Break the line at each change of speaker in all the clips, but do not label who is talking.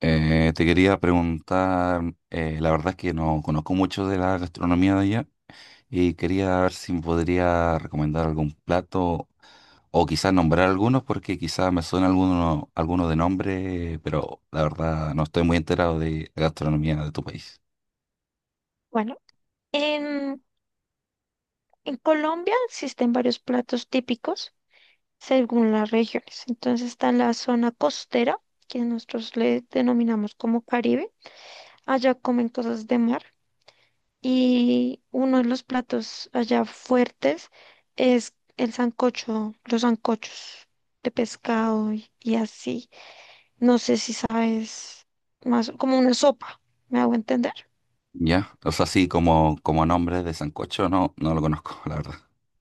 Te quería preguntar, la verdad es que no conozco mucho de la gastronomía de allá y quería ver si me podría recomendar algún plato o quizás nombrar algunos porque quizás me suena alguno, alguno de nombre, pero la verdad no estoy muy enterado de la gastronomía de tu país.
Bueno, en, en Colombia existen varios platos típicos según las regiones. Entonces está la zona costera, que nosotros le denominamos como Caribe. Allá comen cosas de mar y uno de los platos allá fuertes es el sancocho, los sancochos de pescado y así. No sé si sabes más, como una sopa, ¿me hago entender?
¿Ya? O sea, sí, como, como nombre de sancocho, no, no lo conozco, la verdad.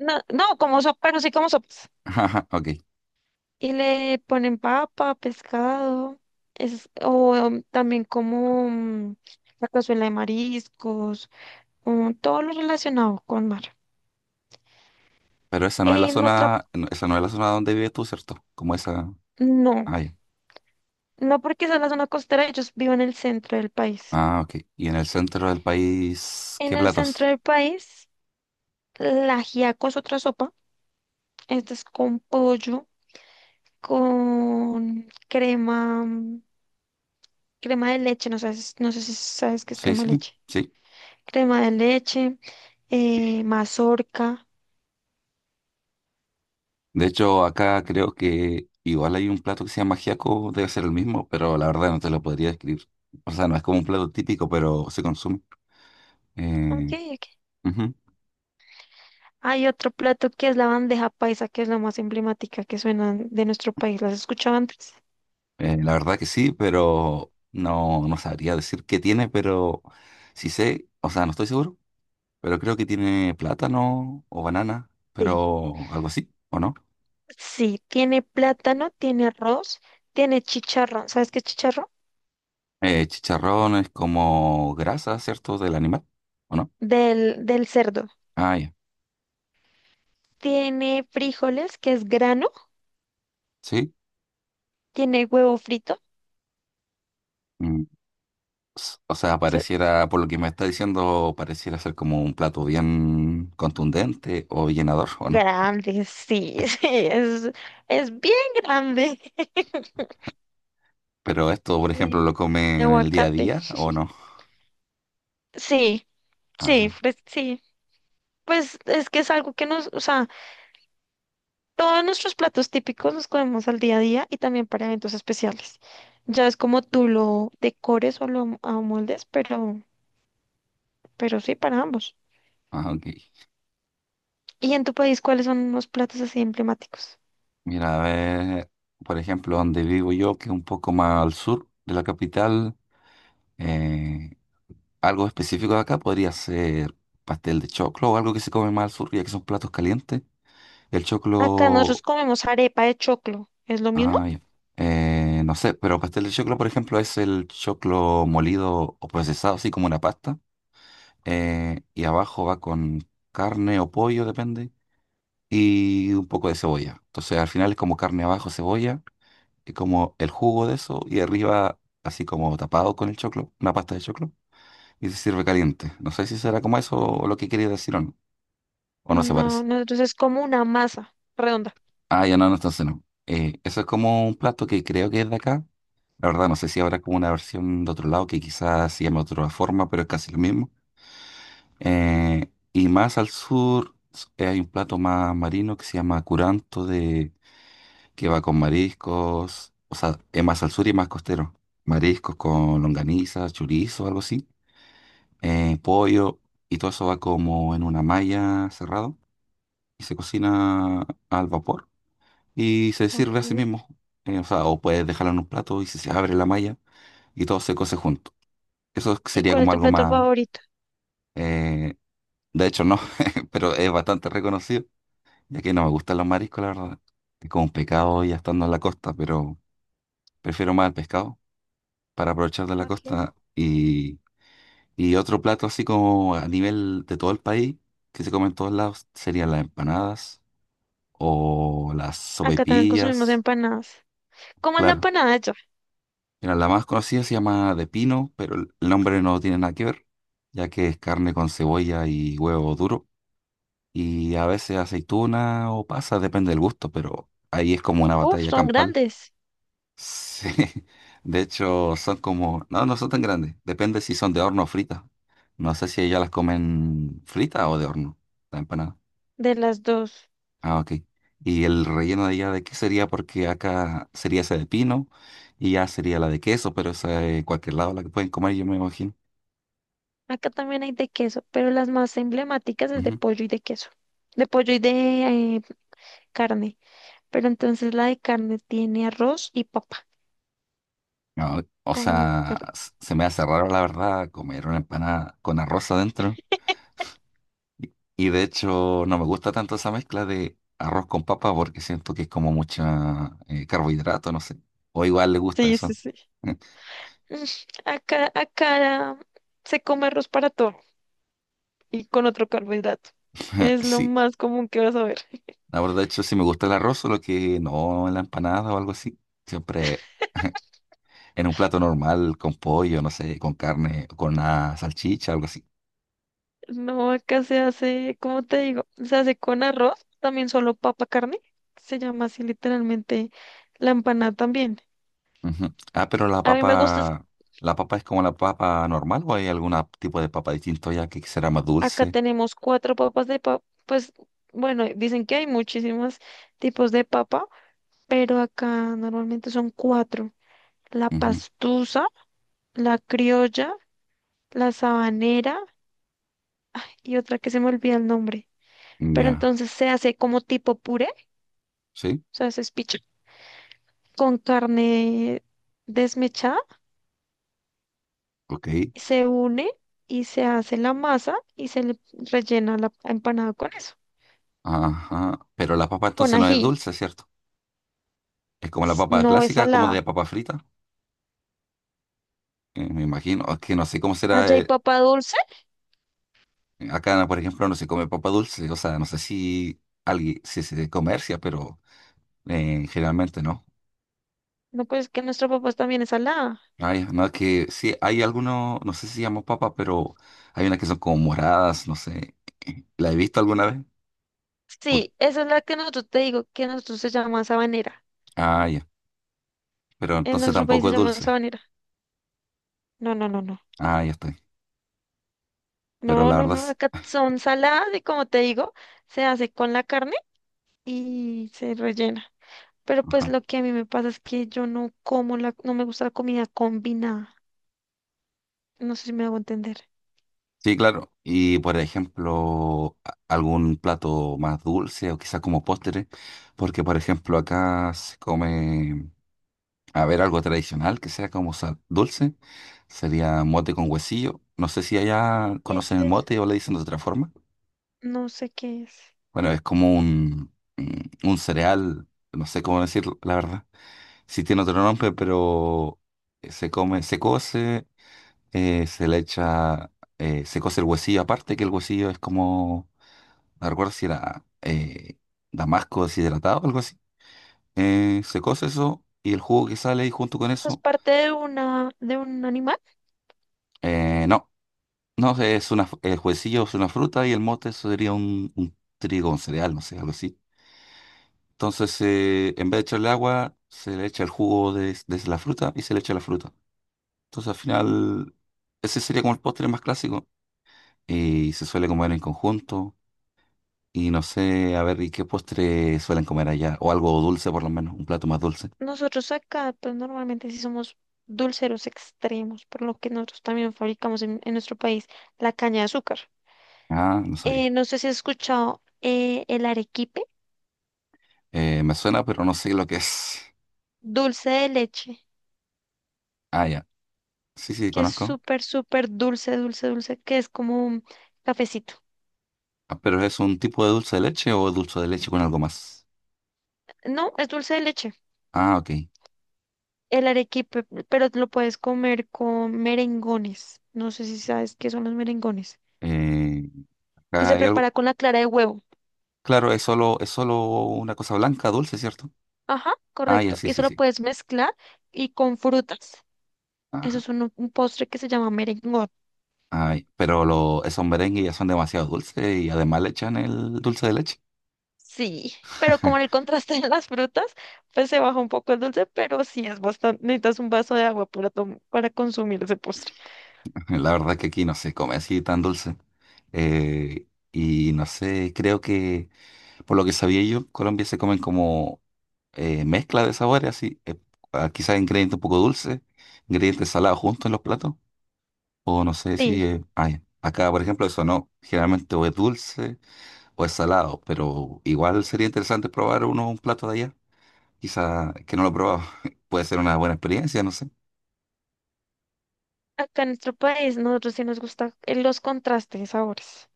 No, no como sopa, pero sí como sopa.
Ajá, ok.
Y le ponen papa, pescado, es, también la cazuela de mariscos, todo lo relacionado con mar.
Pero esa no es la
En otra,
zona, esa no es la zona donde vives tú, ¿cierto? Como esa...
no,
Ah, ya.
no porque sea la zona costera, ellos viven en el centro del país.
Ah, ok. Y en el centro del país,
En
¿qué
el centro
platos?
del país, la ajiaco es otra sopa, esta es con pollo, con crema, crema de leche, no sabes, no sé si sabes qué es
Sí,
crema de
sí,
leche.
sí.
Crema de leche, mazorca.
De hecho, acá creo que igual hay un plato que se llama ajiaco, debe ser el mismo, pero la verdad no te lo podría describir. O sea, no es como un plato típico, pero se consume.
Ok,
Eh,
ok.
ujú.
Hay otro plato que es la bandeja paisa, que es la más emblemática que suena de nuestro país. ¿Las has escuchado antes?
La verdad que sí, pero no, no sabría decir qué tiene, pero sí sé, o sea, no estoy seguro, pero creo que tiene plátano o banana,
Sí.
pero algo así, ¿o no?
Sí, tiene plátano, tiene arroz, tiene chicharrón. ¿Sabes qué es chicharrón?
Chicharrón es como grasa, ¿cierto? Del animal. ¿O no?
Del cerdo.
Ah, ya.
Tiene frijoles, que es grano,
Sí.
tiene huevo frito.
Mm, o sea,
so-
pareciera, por lo que me está diciendo, pareciera ser como un plato bien contundente o llenador, ¿o no?
Grande, sí, sí, es, es bien grande.
Pero esto, por
Y
ejemplo, lo comen
tiene
en el día a
aguacate.
día, ¿o no?
Sí,
Ajá.
sí. Pues es que es algo que nos, o sea, todos nuestros platos típicos los comemos al día a día y también para eventos especiales. Ya es como tú lo decores o lo amoldes, pero sí, para ambos.
Ah, ok.
¿Y en tu país cuáles son los platos así emblemáticos?
Mira, a ver, por ejemplo, donde vivo yo, que es un poco más al sur de la capital, eh, algo específico de acá podría ser pastel de choclo o algo que se come más al sur, ya que son platos calientes. El
Acá nosotros
choclo.
comemos arepa de choclo. ¿Es lo mismo?
Ah, ya. No sé, pero pastel de choclo, por ejemplo, es el choclo molido o procesado, así como una pasta. Y abajo va con carne o pollo, depende, y un poco de cebolla. Entonces, al final es como carne abajo, cebolla, y como el jugo de eso, y arriba, así como tapado con el choclo, una pasta de choclo, y se sirve caliente. No sé si será como eso o lo que quería decir o no se
No,
parece.
nosotros es como una masa redonda.
Ah, ya no, no, entonces no. Eso es como un plato que creo que es de acá. La verdad, no sé si habrá como una versión de otro lado que quizás se llame de otra forma, pero es casi lo mismo. Y más al sur hay un plato más marino que se llama curanto, de, que va con mariscos, o sea, es más al sur y más costero. Mariscos con longaniza, chorizo, algo así, pollo, y todo eso va como en una malla cerrado y se cocina al vapor y se sirve así
Okay.
mismo. O sea, o puedes dejarlo en un plato y se abre la malla y todo se cose junto. Eso
¿Y
sería
cuál es
como
tu
algo
plato
más...
favorito?
eh, de hecho, no, pero es bastante reconocido, ya que no me gustan los mariscos, la verdad. Es como un pecado ya estando en la costa, pero prefiero más el pescado para aprovechar de la
Okay.
costa. Y otro plato así como a nivel de todo el país, que se come en todos lados, serían las empanadas o las
Acá también consumimos
sopaipillas.
empanadas. ¿Cómo es la
Claro,
empanada allá?
mira, la más conocida se llama de pino, pero el nombre no tiene nada que ver, ya que es carne con cebolla y huevo duro. Y a veces aceituna o pasa, depende del gusto, pero ahí es como una
Uf,
batalla
son
campal.
grandes
Sí. De hecho, son como, no, no son tan grandes, depende si son de horno o fritas. No sé si ellas las comen fritas o de horno, la empanada.
de las dos.
Ah, ok. ¿Y el relleno de ella de qué sería? Porque acá sería esa de pino y ya sería la de queso, pero esa de cualquier lado la que pueden comer, yo me imagino.
Acá también hay de queso, pero las más emblemáticas es de
Ujú.
pollo y de queso. De pollo y de eh, carne. Pero entonces la de carne tiene arroz y papa
No, o
con
sea,
carne.
se me hace raro la verdad comer una empanada con arroz adentro. Y de hecho no me gusta tanto esa mezcla de arroz con papa porque siento que es como mucha carbohidrato, no sé. O igual le gusta
Sí, sí,
eso.
sí. Mm, acá se come arroz para todo y con otro carbohidrato. Es lo
Sí,
más común que vas a ver.
la verdad, de hecho, sí me gusta el arroz, solo que no en la empanada o algo así. Siempre en un plato normal, con pollo, no sé, con carne, con una salchicha, algo así.
No, acá se hace, ¿cómo te digo? Se hace con arroz, también solo papa carne. Se llama así literalmente la empanada también.
Ujú. Ah, pero
A mí me gusta.
¿la papa es como la papa normal o hay algún tipo de papa distinto ya que será más
Acá
dulce?
tenemos cuatro papas de papa. Pues bueno, dicen que hay muchísimos tipos de papa, pero acá normalmente son cuatro. La
Ujú.
pastusa, la criolla, la sabanera y otra que se me olvida el nombre. Pero
Ya,
entonces se hace como tipo puré, o
sí,
sea, se espicha con carne desmechada,
ok.
se une y se hace la masa y se le rellena la empanada con eso,
Ajá. Pero la papa
con
entonces no es
ají.
dulce, ¿cierto? Es como la
S-
papa
No es
clásica, como de
salada.
papa frita. Me imagino. Es que no sé cómo
Allá
será.
hay papa dulce.
Acá, por ejemplo, no se come papa dulce. O sea, no sé si alguien si se comercia, pero generalmente no.
No, pues que nuestra papa también es salada.
Ay, no, es que sí, hay algunos, no sé si llamamos papa, pero hay unas que son como moradas, no sé. ¿La he visto alguna vez? O-
Sí, esa es la que nosotros te digo, que nosotros se llama sabanera.
Ah, ya. Pero
En
entonces
nuestro país
tampoco
se
es
llama
dulce.
sabanera. No, no, no, no.
Ah, ya estoy. Pero
No,
la
no,
verdad
no.
es.
Acá son saladas y como te digo, se hace con la carne y se rellena. Pero pues
Ajá.
lo que a mí me pasa es que yo no como la, no me gusta la comida combinada. No sé si me hago entender.
Sí, claro. Y por ejemplo, algún plato más dulce o quizás como postre, porque por ejemplo acá se come, a ver, algo tradicional que sea como dulce, sería mote con huesillo. No sé si allá
¿Qué es
conocen el
eso?
mote o le dicen de otra forma.
No sé qué es.
Bueno, es como un, un cereal, no sé cómo decirlo, la verdad. Sí tiene otro nombre, pero se come, se cose, se le echa, se cose el huesillo aparte, que el huesillo es como no recuerdo si era damasco deshidratado o algo así. Se cose eso y el jugo que sale ahí junto con
¿Es
eso.
parte de una, de un animal?
No, no sé, es una, el juecillo es una fruta y el mote eso sería un trigo, un cereal, no sé, algo así. Entonces, en vez de echarle agua, se le echa el jugo de la fruta y se le echa la fruta. Entonces, al final, ese sería como el postre más clásico y se suele comer en conjunto. Y no sé, a ver, ¿y qué postre suelen comer allá? O algo dulce, por lo menos, un plato más dulce.
Nosotros acá, pues normalmente sí somos dulceros extremos, por lo que nosotros también fabricamos en nuestro país la caña de azúcar.
Ah, no sabía.
No sé si has escuchado el arequipe,
Me suena, pero no sé lo que es.
dulce de leche,
Ah, ya. Sí, sí,
que es
conozco.
súper, súper dulce, dulce, dulce, que es como un cafecito.
Ah, pero ¿es un tipo de dulce de leche o dulce de leche con algo más?
No, es dulce de leche,
Ah, ok.
el arequipe, pero lo puedes comer con merengones. No sé si sabes qué son los merengones,
Eh,
que
acá
se
hay algo.
prepara con la clara de huevo.
Claro, es solo una cosa blanca, dulce, ¿cierto?
Ajá,
Ah, ya,
correcto.
sí,
Y eso
sí,
lo
sí.
puedes mezclar y con frutas. Eso
Ajá.
es un postre que se llama merengot.
Ay, pero lo, esos merengues ya son demasiado dulces y además le echan el dulce de leche.
Sí, pero como en el contraste de las frutas, pues se baja un poco el dulce, pero sí es bastante. Necesitas un vaso de agua para, para consumir ese postre.
La verdad que aquí no se come así tan dulce. Eh, y no sé, creo que por lo que sabía yo, Colombia se comen como mezcla de sabores así, quizás ingredientes un poco dulces, ingredientes salados juntos en los platos, o no sé si,
Sí,
ay, acá por ejemplo eso no, generalmente o es dulce o es salado, pero igual sería interesante probar uno un plato de allá, quizás que no lo he probado, puede ser una buena experiencia, no sé,
acá en nuestro país nosotros sí nos gustan los contrastes de sabores.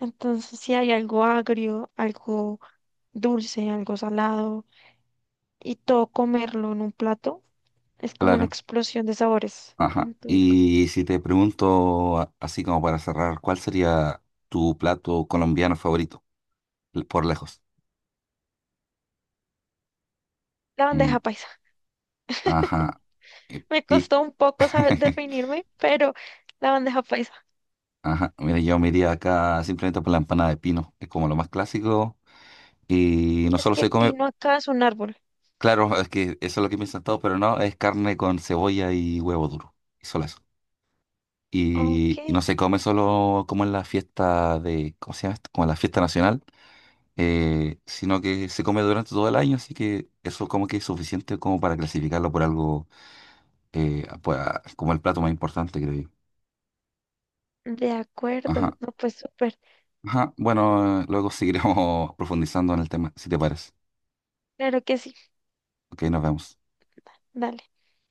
Entonces, si hay algo agrio, algo dulce, algo salado, y todo comerlo en un plato, es como una
claro,
explosión de sabores
ajá,
en tu boca.
y si te pregunto así como para cerrar, ¿cuál sería tu plato colombiano favorito, por lejos?
La
Mm,
bandeja paisa.
ajá. Y,
Me
y-
costó un poco saber definirme, pero la bandeja paisa.
Ajá, mira, yo me iría acá simplemente por la empanada de pino, es como lo más clásico. Y no
Es
solo
que
se come,
pino acá es un árbol.
claro, es que eso es lo que piensan todos, pero no, es carne con cebolla y huevo duro, y solo eso.
Ok,
Y no se come solo como en la fiesta de, ¿cómo se llama esto? Como en la fiesta nacional, sino que se come durante todo el año, así que eso como que es suficiente como para clasificarlo por algo, pues, como el plato más importante, creo yo.
de
Ajá,
acuerdo. No, pues súper.
ajá, bueno, luego seguiremos profundizando en el tema, si te parece.
Claro que sí.
Ok, nos vemos.
Dale.